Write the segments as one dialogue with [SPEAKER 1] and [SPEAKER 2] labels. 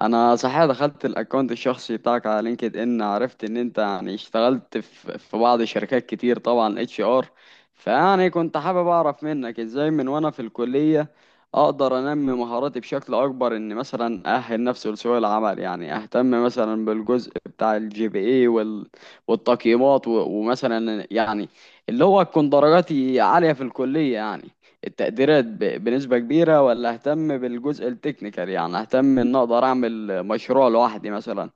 [SPEAKER 1] انا صحيح دخلت الاكونت الشخصي بتاعك على لينكد ان، عرفت ان انت يعني اشتغلت في بعض الشركات كتير، طبعا اتش ار. فيعني كنت حابب اعرف منك ازاي من وانا في الكلية اقدر انمي مهاراتي بشكل اكبر، ان مثلا اهل نفسي لسوق العمل. يعني اهتم مثلا بالجزء بتاع الجي بي اي والتقييمات ومثلا يعني اللي هو تكون درجاتي عالية في الكلية، يعني التقديرات بنسبة كبيرة، ولا اهتم بالجزء التكنيكال. يعني اهتم ان اقدر اعمل مشروع لوحدي مثلا،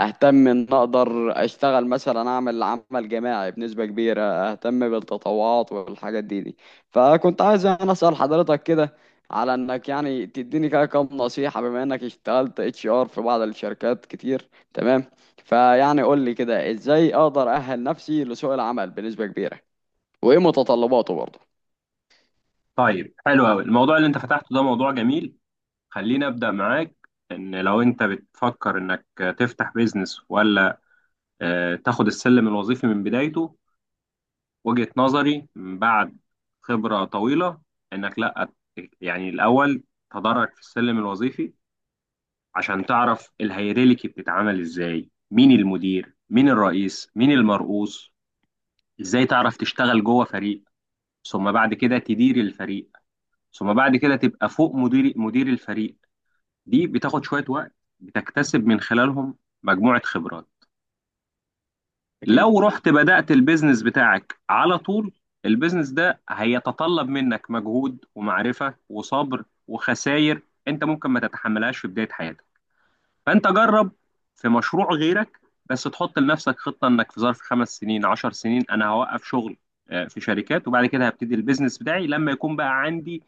[SPEAKER 1] اهتم ان اقدر اشتغل مثلا اعمل عمل جماعي بنسبة كبيرة، اهتم بالتطوعات والحاجات دي. فكنت عايز انا اسأل حضرتك كده على انك، يعني تديني كده كام نصيحة، بما انك اشتغلت اتش ار في بعض الشركات كتير. تمام. فيعني قول لي كده ازاي اقدر اأهل نفسي لسوق العمل بنسبة كبيرة، وايه متطلباته برضه.
[SPEAKER 2] طيب، حلو قوي. الموضوع اللي انت فتحته ده موضوع جميل. خليني ابدا معاك. ان لو انت بتفكر انك تفتح بيزنس، ولا تاخد السلم الوظيفي من بدايته، وجهة نظري من بعد خبرة طويلة انك لا، يعني الاول تدرج في السلم الوظيفي عشان تعرف الهيراركي بتتعمل ازاي، مين المدير مين الرئيس مين المرؤوس، ازاي تعرف تشتغل جوه فريق، ثم بعد كده تدير الفريق، ثم بعد كده تبقى فوق مدير مدير الفريق. دي بتاخد شوية وقت، بتكتسب من خلالهم مجموعة خبرات.
[SPEAKER 1] اكيد.
[SPEAKER 2] لو رحت بدأت البيزنس بتاعك على طول، البيزنس ده هيتطلب منك مجهود ومعرفة وصبر وخسائر، انت ممكن ما تتحملهاش في بداية حياتك. فانت جرب في مشروع غيرك، بس تحط لنفسك خطة انك في ظرف 5 سنين 10 سنين انا هوقف شغل في شركات، وبعد كده هبتدي البيزنس بتاعي لما يكون بقى عندي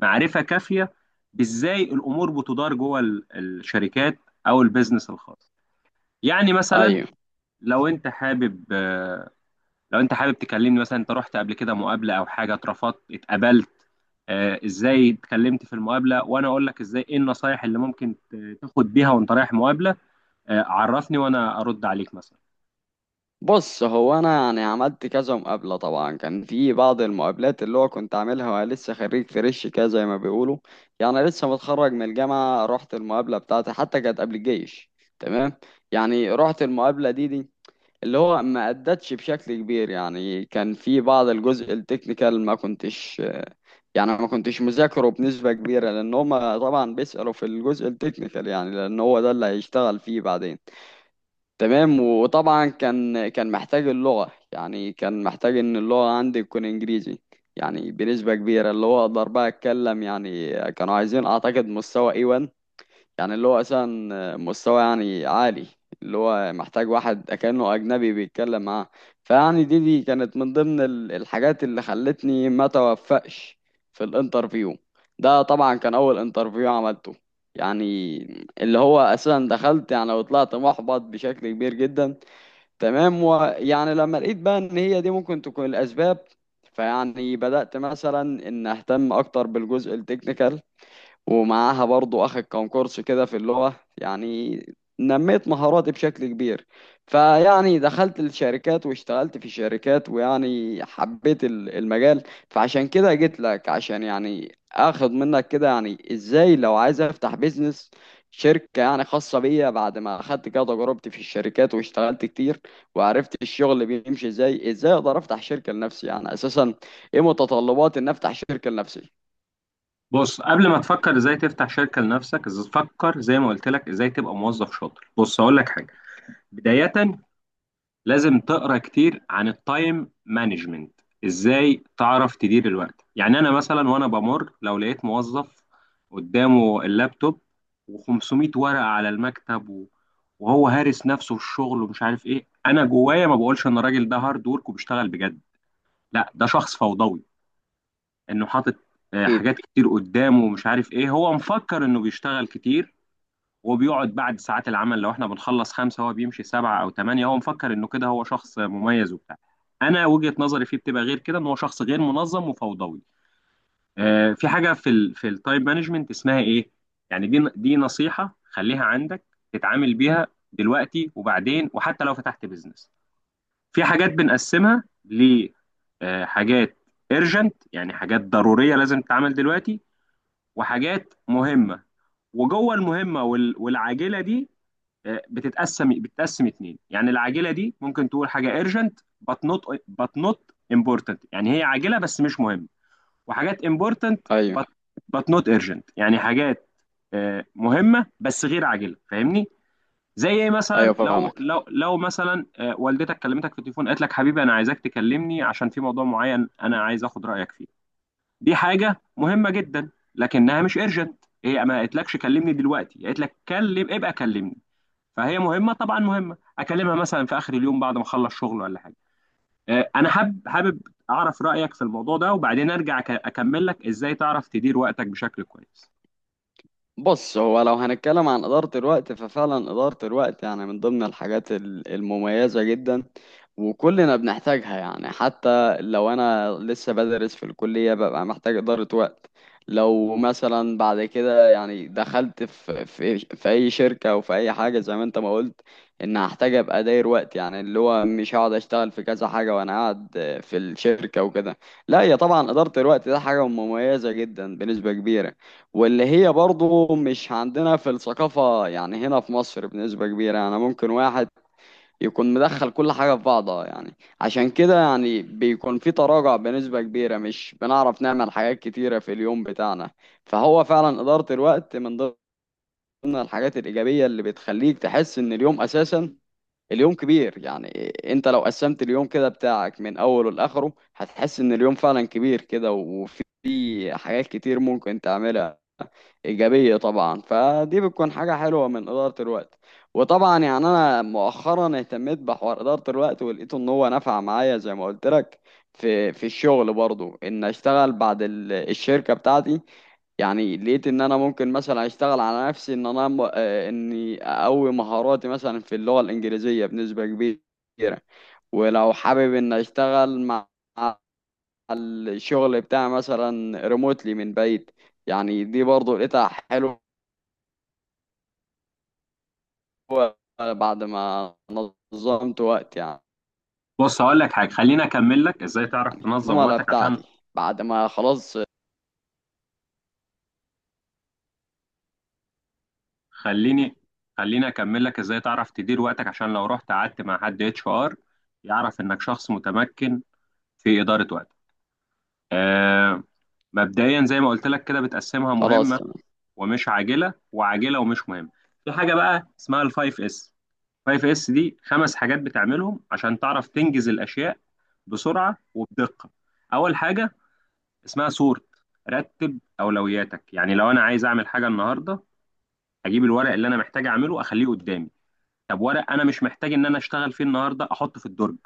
[SPEAKER 2] معرفة كافية بإزاي الأمور بتدار جوه الشركات أو البيزنس الخاص. يعني مثلا
[SPEAKER 1] ايوه.
[SPEAKER 2] لو أنت حابب لو أنت حابب تكلمني، مثلا أنت رحت قبل كده مقابلة أو حاجة، اترفضت اتقبلت إزاي اتكلمت في المقابلة، وأنا أقول لك إزاي، إيه النصايح اللي ممكن تاخد بيها وأنت رايح مقابلة. عرفني وأنا أرد عليك مثلا.
[SPEAKER 1] بص، هو انا يعني عملت كذا مقابله، طبعا كان في بعض المقابلات اللي هو كنت عاملها وانا لسه خريج فريش كده زي ما بيقولوا، يعني لسه متخرج من الجامعه. رحت المقابله بتاعتي، حتى كانت قبل الجيش. تمام. يعني رحت المقابله دي اللي هو ما ادتش بشكل كبير، يعني كان في بعض الجزء التكنيكال ما كنتش، يعني ما كنتش مذاكره بنسبه كبيره، لان هم طبعا بيسالوا في الجزء التكنيكال، يعني لان هو ده اللي هيشتغل فيه بعدين. تمام. وطبعا كان محتاج اللغة، يعني كان محتاج ان اللغة عندي تكون انجليزي يعني بنسبة كبيرة، اللي هو اقدر بقى اتكلم. يعني كانوا عايزين اعتقد مستوى A1، يعني اللي هو أصلا مستوى يعني عالي، اللي هو محتاج واحد كأنه أجنبي بيتكلم معاه. فيعني دي كانت من ضمن الحاجات اللي خلتني ما توفقش في الانترفيو. ده طبعا كان أول انترفيو عملته، يعني اللي هو أساسا دخلت يعني وطلعت محبط بشكل كبير جدا. تمام. ويعني لما لقيت بقى إن هي دي ممكن تكون الأسباب، فيعني بدأت مثلا إن أهتم أكتر بالجزء التكنيكال، ومعاها برضو اخد كام كورس كده في اللغة، يعني نميت مهاراتي بشكل كبير. فيعني دخلت الشركات واشتغلت في شركات، ويعني حبيت المجال. فعشان كده جيت لك عشان يعني اخد منك كده، يعني ازاي لو عايز افتح بيزنس، شركة يعني خاصة بيا، بعد ما اخدت كده تجربتي في الشركات واشتغلت كتير وعرفت الشغل بيمشي ازاي، ازاي اقدر افتح شركة لنفسي يعني اساسا، ايه متطلبات ان افتح شركة لنفسي.
[SPEAKER 2] بص، قبل ما تفكر ازاي تفتح شركة لنفسك، فكر زي ما قلت لك ازاي تبقى موظف شاطر. بص اقول لك حاجة، بداية لازم تقرا كتير عن التايم مانجمنت. ازاي تعرف تدير الوقت؟ يعني انا مثلا وانا بمر، لو لقيت موظف قدامه اللابتوب و500 ورقه على المكتب وهو هارس نفسه في الشغل ومش عارف ايه، انا جوايا ما بقولش ان الراجل ده هارد ورك وبيشتغل بجد. لا، ده شخص فوضوي، انه حاطط
[SPEAKER 1] اكيد.
[SPEAKER 2] حاجات كتير قدامه ومش عارف ايه. هو مفكر انه بيشتغل كتير، وبيقعد بعد ساعات العمل. لو احنا بنخلص خمسة هو بيمشي سبعة أو تمانية، هو مفكر إنه كده هو شخص مميز وبتاع. أنا وجهة نظري فيه بتبقى غير كده، إن هو شخص غير منظم وفوضوي. في حاجة في في التايم مانجمنت اسمها إيه؟ يعني دي نصيحة خليها عندك، تتعامل بيها دلوقتي وبعدين، وحتى لو فتحت بيزنس. في حاجات بنقسمها لحاجات ايرجنت، يعني حاجات ضرورية لازم تتعمل دلوقتي، وحاجات مهمة. وجوه المهمة والعاجلة دي بتتقسم اتنين. يعني العاجله دي ممكن تقول حاجه urgent but not but not important، يعني هي عاجله بس مش مهم. وحاجات important
[SPEAKER 1] ايوه.
[SPEAKER 2] but but not urgent، يعني حاجات مهمه بس غير عاجله، فاهمني؟ زي ايه مثلا؟
[SPEAKER 1] ايوه
[SPEAKER 2] لو
[SPEAKER 1] فاهمك.
[SPEAKER 2] لو مثلا والدتك كلمتك في التليفون، قالت لك حبيبي انا عايزاك تكلمني عشان في موضوع معين انا عايز اخد رايك فيه. دي حاجه مهمه جدا، لكنها مش urgent. هي ما قالتلكش كلمني دلوقتي، قالت لك كلم ابقى كلمني. فهي مهمه، طبعا مهمه، اكلمها مثلا في اخر اليوم بعد ما اخلص شغل ولا حاجه. انا حابب حابب اعرف رايك في الموضوع ده، وبعدين ارجع اكمل لك ازاي تعرف تدير وقتك بشكل كويس.
[SPEAKER 1] بص، هو لو هنتكلم عن إدارة الوقت، ففعلا إدارة الوقت يعني من ضمن الحاجات المميزة جدا، وكلنا بنحتاجها. يعني حتى لو أنا لسه بدرس في الكلية ببقى محتاج إدارة وقت. لو مثلا بعد كده يعني دخلت في أي شركة أو في أي حاجة، زي ما أنت ما قلت، إن هحتاج أبقى داير وقت، يعني اللي هو مش هقعد أشتغل في كذا حاجة وأنا قاعد في الشركة وكده. لا، هي طبعا إدارة الوقت ده حاجة مميزة جدا بنسبة كبيرة، واللي هي برضه مش عندنا في الثقافة، يعني هنا في مصر بنسبة كبيرة، يعني ممكن واحد يكون مدخل كل حاجة في بعضها يعني. عشان كده يعني بيكون في تراجع بنسبة كبيرة، مش بنعرف نعمل حاجات كتيرة في اليوم بتاعنا. فهو فعلا إدارة الوقت من ضمن الحاجات الإيجابية اللي بتخليك تحس إن اليوم أساسا اليوم كبير يعني. انت لو قسمت اليوم كده بتاعك من أوله لآخره هتحس إن اليوم فعلا كبير كده، وفي حاجات كتير ممكن تعملها، إيجابية طبعا. فدي بتكون حاجة حلوة من إدارة الوقت. وطبعا يعني أنا مؤخرا اهتميت بحوار إدارة الوقت ولقيته إن هو نفع معايا، زي ما قلت لك في الشغل برضو. إن أشتغل بعد الشركة بتاعتي يعني، لقيت إن أنا ممكن مثلا أشتغل على نفسي، إن أنا م- آه، إني أقوي مهاراتي مثلا في اللغة الإنجليزية بنسبة كبيرة، ولو حابب إن أشتغل مع مع الشغل بتاعي مثلا ريموتلي من بعيد. يعني دي برضو لقيتها حلوة، هو بعد ما نظمت وقت يعني.
[SPEAKER 2] بص هقول لك حاجه، خليني اكمل لك ازاي تعرف تنظم
[SPEAKER 1] الزملاء
[SPEAKER 2] وقتك. عشان
[SPEAKER 1] بتاعتي بعد ما خلاص.
[SPEAKER 2] خليني خليني اكمل لك ازاي تعرف تدير وقتك عشان لو رحت قعدت مع حد اتش ار يعرف انك شخص متمكن في اداره وقتك. آه، مبدئيا زي ما قلت لك كده بتقسمها
[SPEAKER 1] خلاص.
[SPEAKER 2] مهمه
[SPEAKER 1] تمام.
[SPEAKER 2] ومش عاجله، وعاجله ومش مهمه. في حاجه بقى اسمها الفايف اس. الفايف اس دي خمس حاجات بتعملهم عشان تعرف تنجز الاشياء بسرعه وبدقه. اول حاجه اسمها سورت، رتب اولوياتك. يعني لو انا عايز اعمل حاجه النهارده، اجيب الورق اللي انا محتاج اعمله اخليه قدامي. طب ورق انا مش محتاج ان انا اشتغل فيه النهارده، احطه في الدرج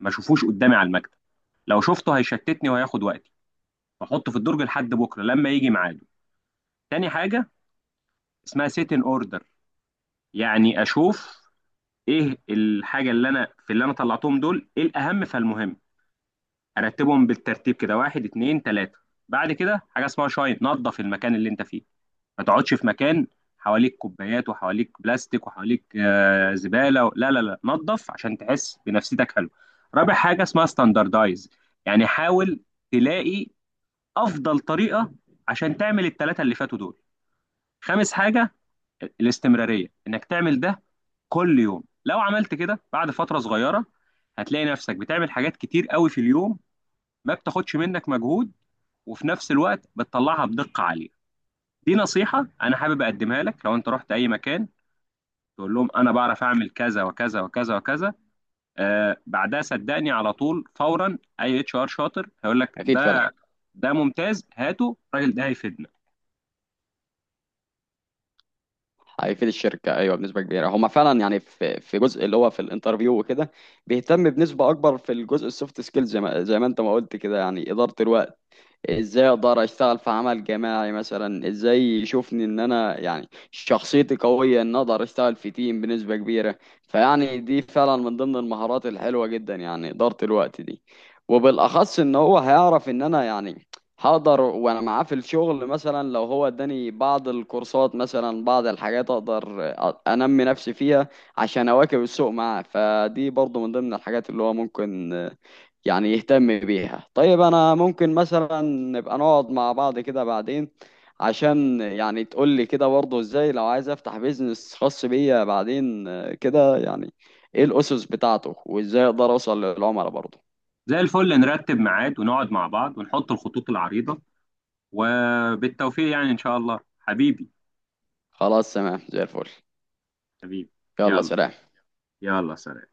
[SPEAKER 2] ما اشوفوش قدامي على المكتب. لو شفته هيشتتني وهياخد وقتي، احطه في الدرج لحد بكره لما يجي ميعاده. تاني حاجه اسمها سيت ان اوردر، يعني اشوف ايه الحاجه اللي انا في، اللي انا طلعتهم دول ايه الاهم فالمهم. ارتبهم بالترتيب كده، واحد اتنين تلاته. بعد كده حاجه اسمها شاين، نظف المكان اللي انت فيه. ما تقعدش في مكان حواليك كوبايات وحواليك بلاستيك وحواليك زباله لا لا لا، نظف عشان تحس بنفسيتك حلو. رابع حاجه اسمها ستاندردايز، يعني حاول تلاقي افضل طريقه عشان تعمل التلاته اللي فاتوا دول. خامس حاجه الاستمرارية، انك تعمل ده كل يوم. لو عملت كده بعد فترة صغيرة هتلاقي نفسك بتعمل حاجات كتير قوي في اليوم، ما بتاخدش منك مجهود، وفي نفس الوقت بتطلعها بدقة عالية. دي نصيحة انا حابب اقدمها لك. لو انت رحت اي مكان تقول لهم انا بعرف اعمل كذا وكذا وكذا وكذا، بعدها صدقني على طول فورا اي اتش ار شاطر هيقول لك
[SPEAKER 1] اكيد فعلا.
[SPEAKER 2] ده ممتاز، هاته الراجل ده هيفيدنا.
[SPEAKER 1] هيفيد الشركه، ايوه بنسبه كبيره. هما فعلا يعني في جزء اللي هو في الانترفيو وكده بيهتم بنسبه اكبر في الجزء السوفت سكيلز، زي ما انت ما قلت كده، يعني اداره الوقت، ازاي اقدر اشتغل في عمل جماعي مثلا، ازاي يشوفني ان انا يعني شخصيتي قوية ان اقدر اشتغل في تيم بنسبة كبيرة. فيعني دي فعلا من ضمن المهارات الحلوة جدا، يعني إدارة الوقت دي. وبالاخص ان هو هيعرف ان انا يعني هقدر وانا معاه في الشغل، مثلا لو هو اداني بعض الكورسات مثلا، بعض الحاجات اقدر انمي نفسي فيها عشان اواكب السوق معاه. فدي برضو من ضمن الحاجات اللي هو ممكن يعني يهتم بيها. طيب انا ممكن مثلا نبقى نقعد مع بعض كده بعدين، عشان يعني تقول لي كده برضه ازاي لو عايز افتح بيزنس خاص بيا بعدين، كده يعني ايه الاسس بتاعته وازاي اقدر اوصل للعملاء برضه.
[SPEAKER 2] زي الفل، نرتب ميعاد ونقعد مع بعض ونحط الخطوط العريضة، وبالتوفيق يعني، إن شاء الله حبيبي.
[SPEAKER 1] خلاص تمام، زي الفل.
[SPEAKER 2] حبيبي،
[SPEAKER 1] يلا
[SPEAKER 2] يلا،
[SPEAKER 1] سلام.
[SPEAKER 2] يلا سلام.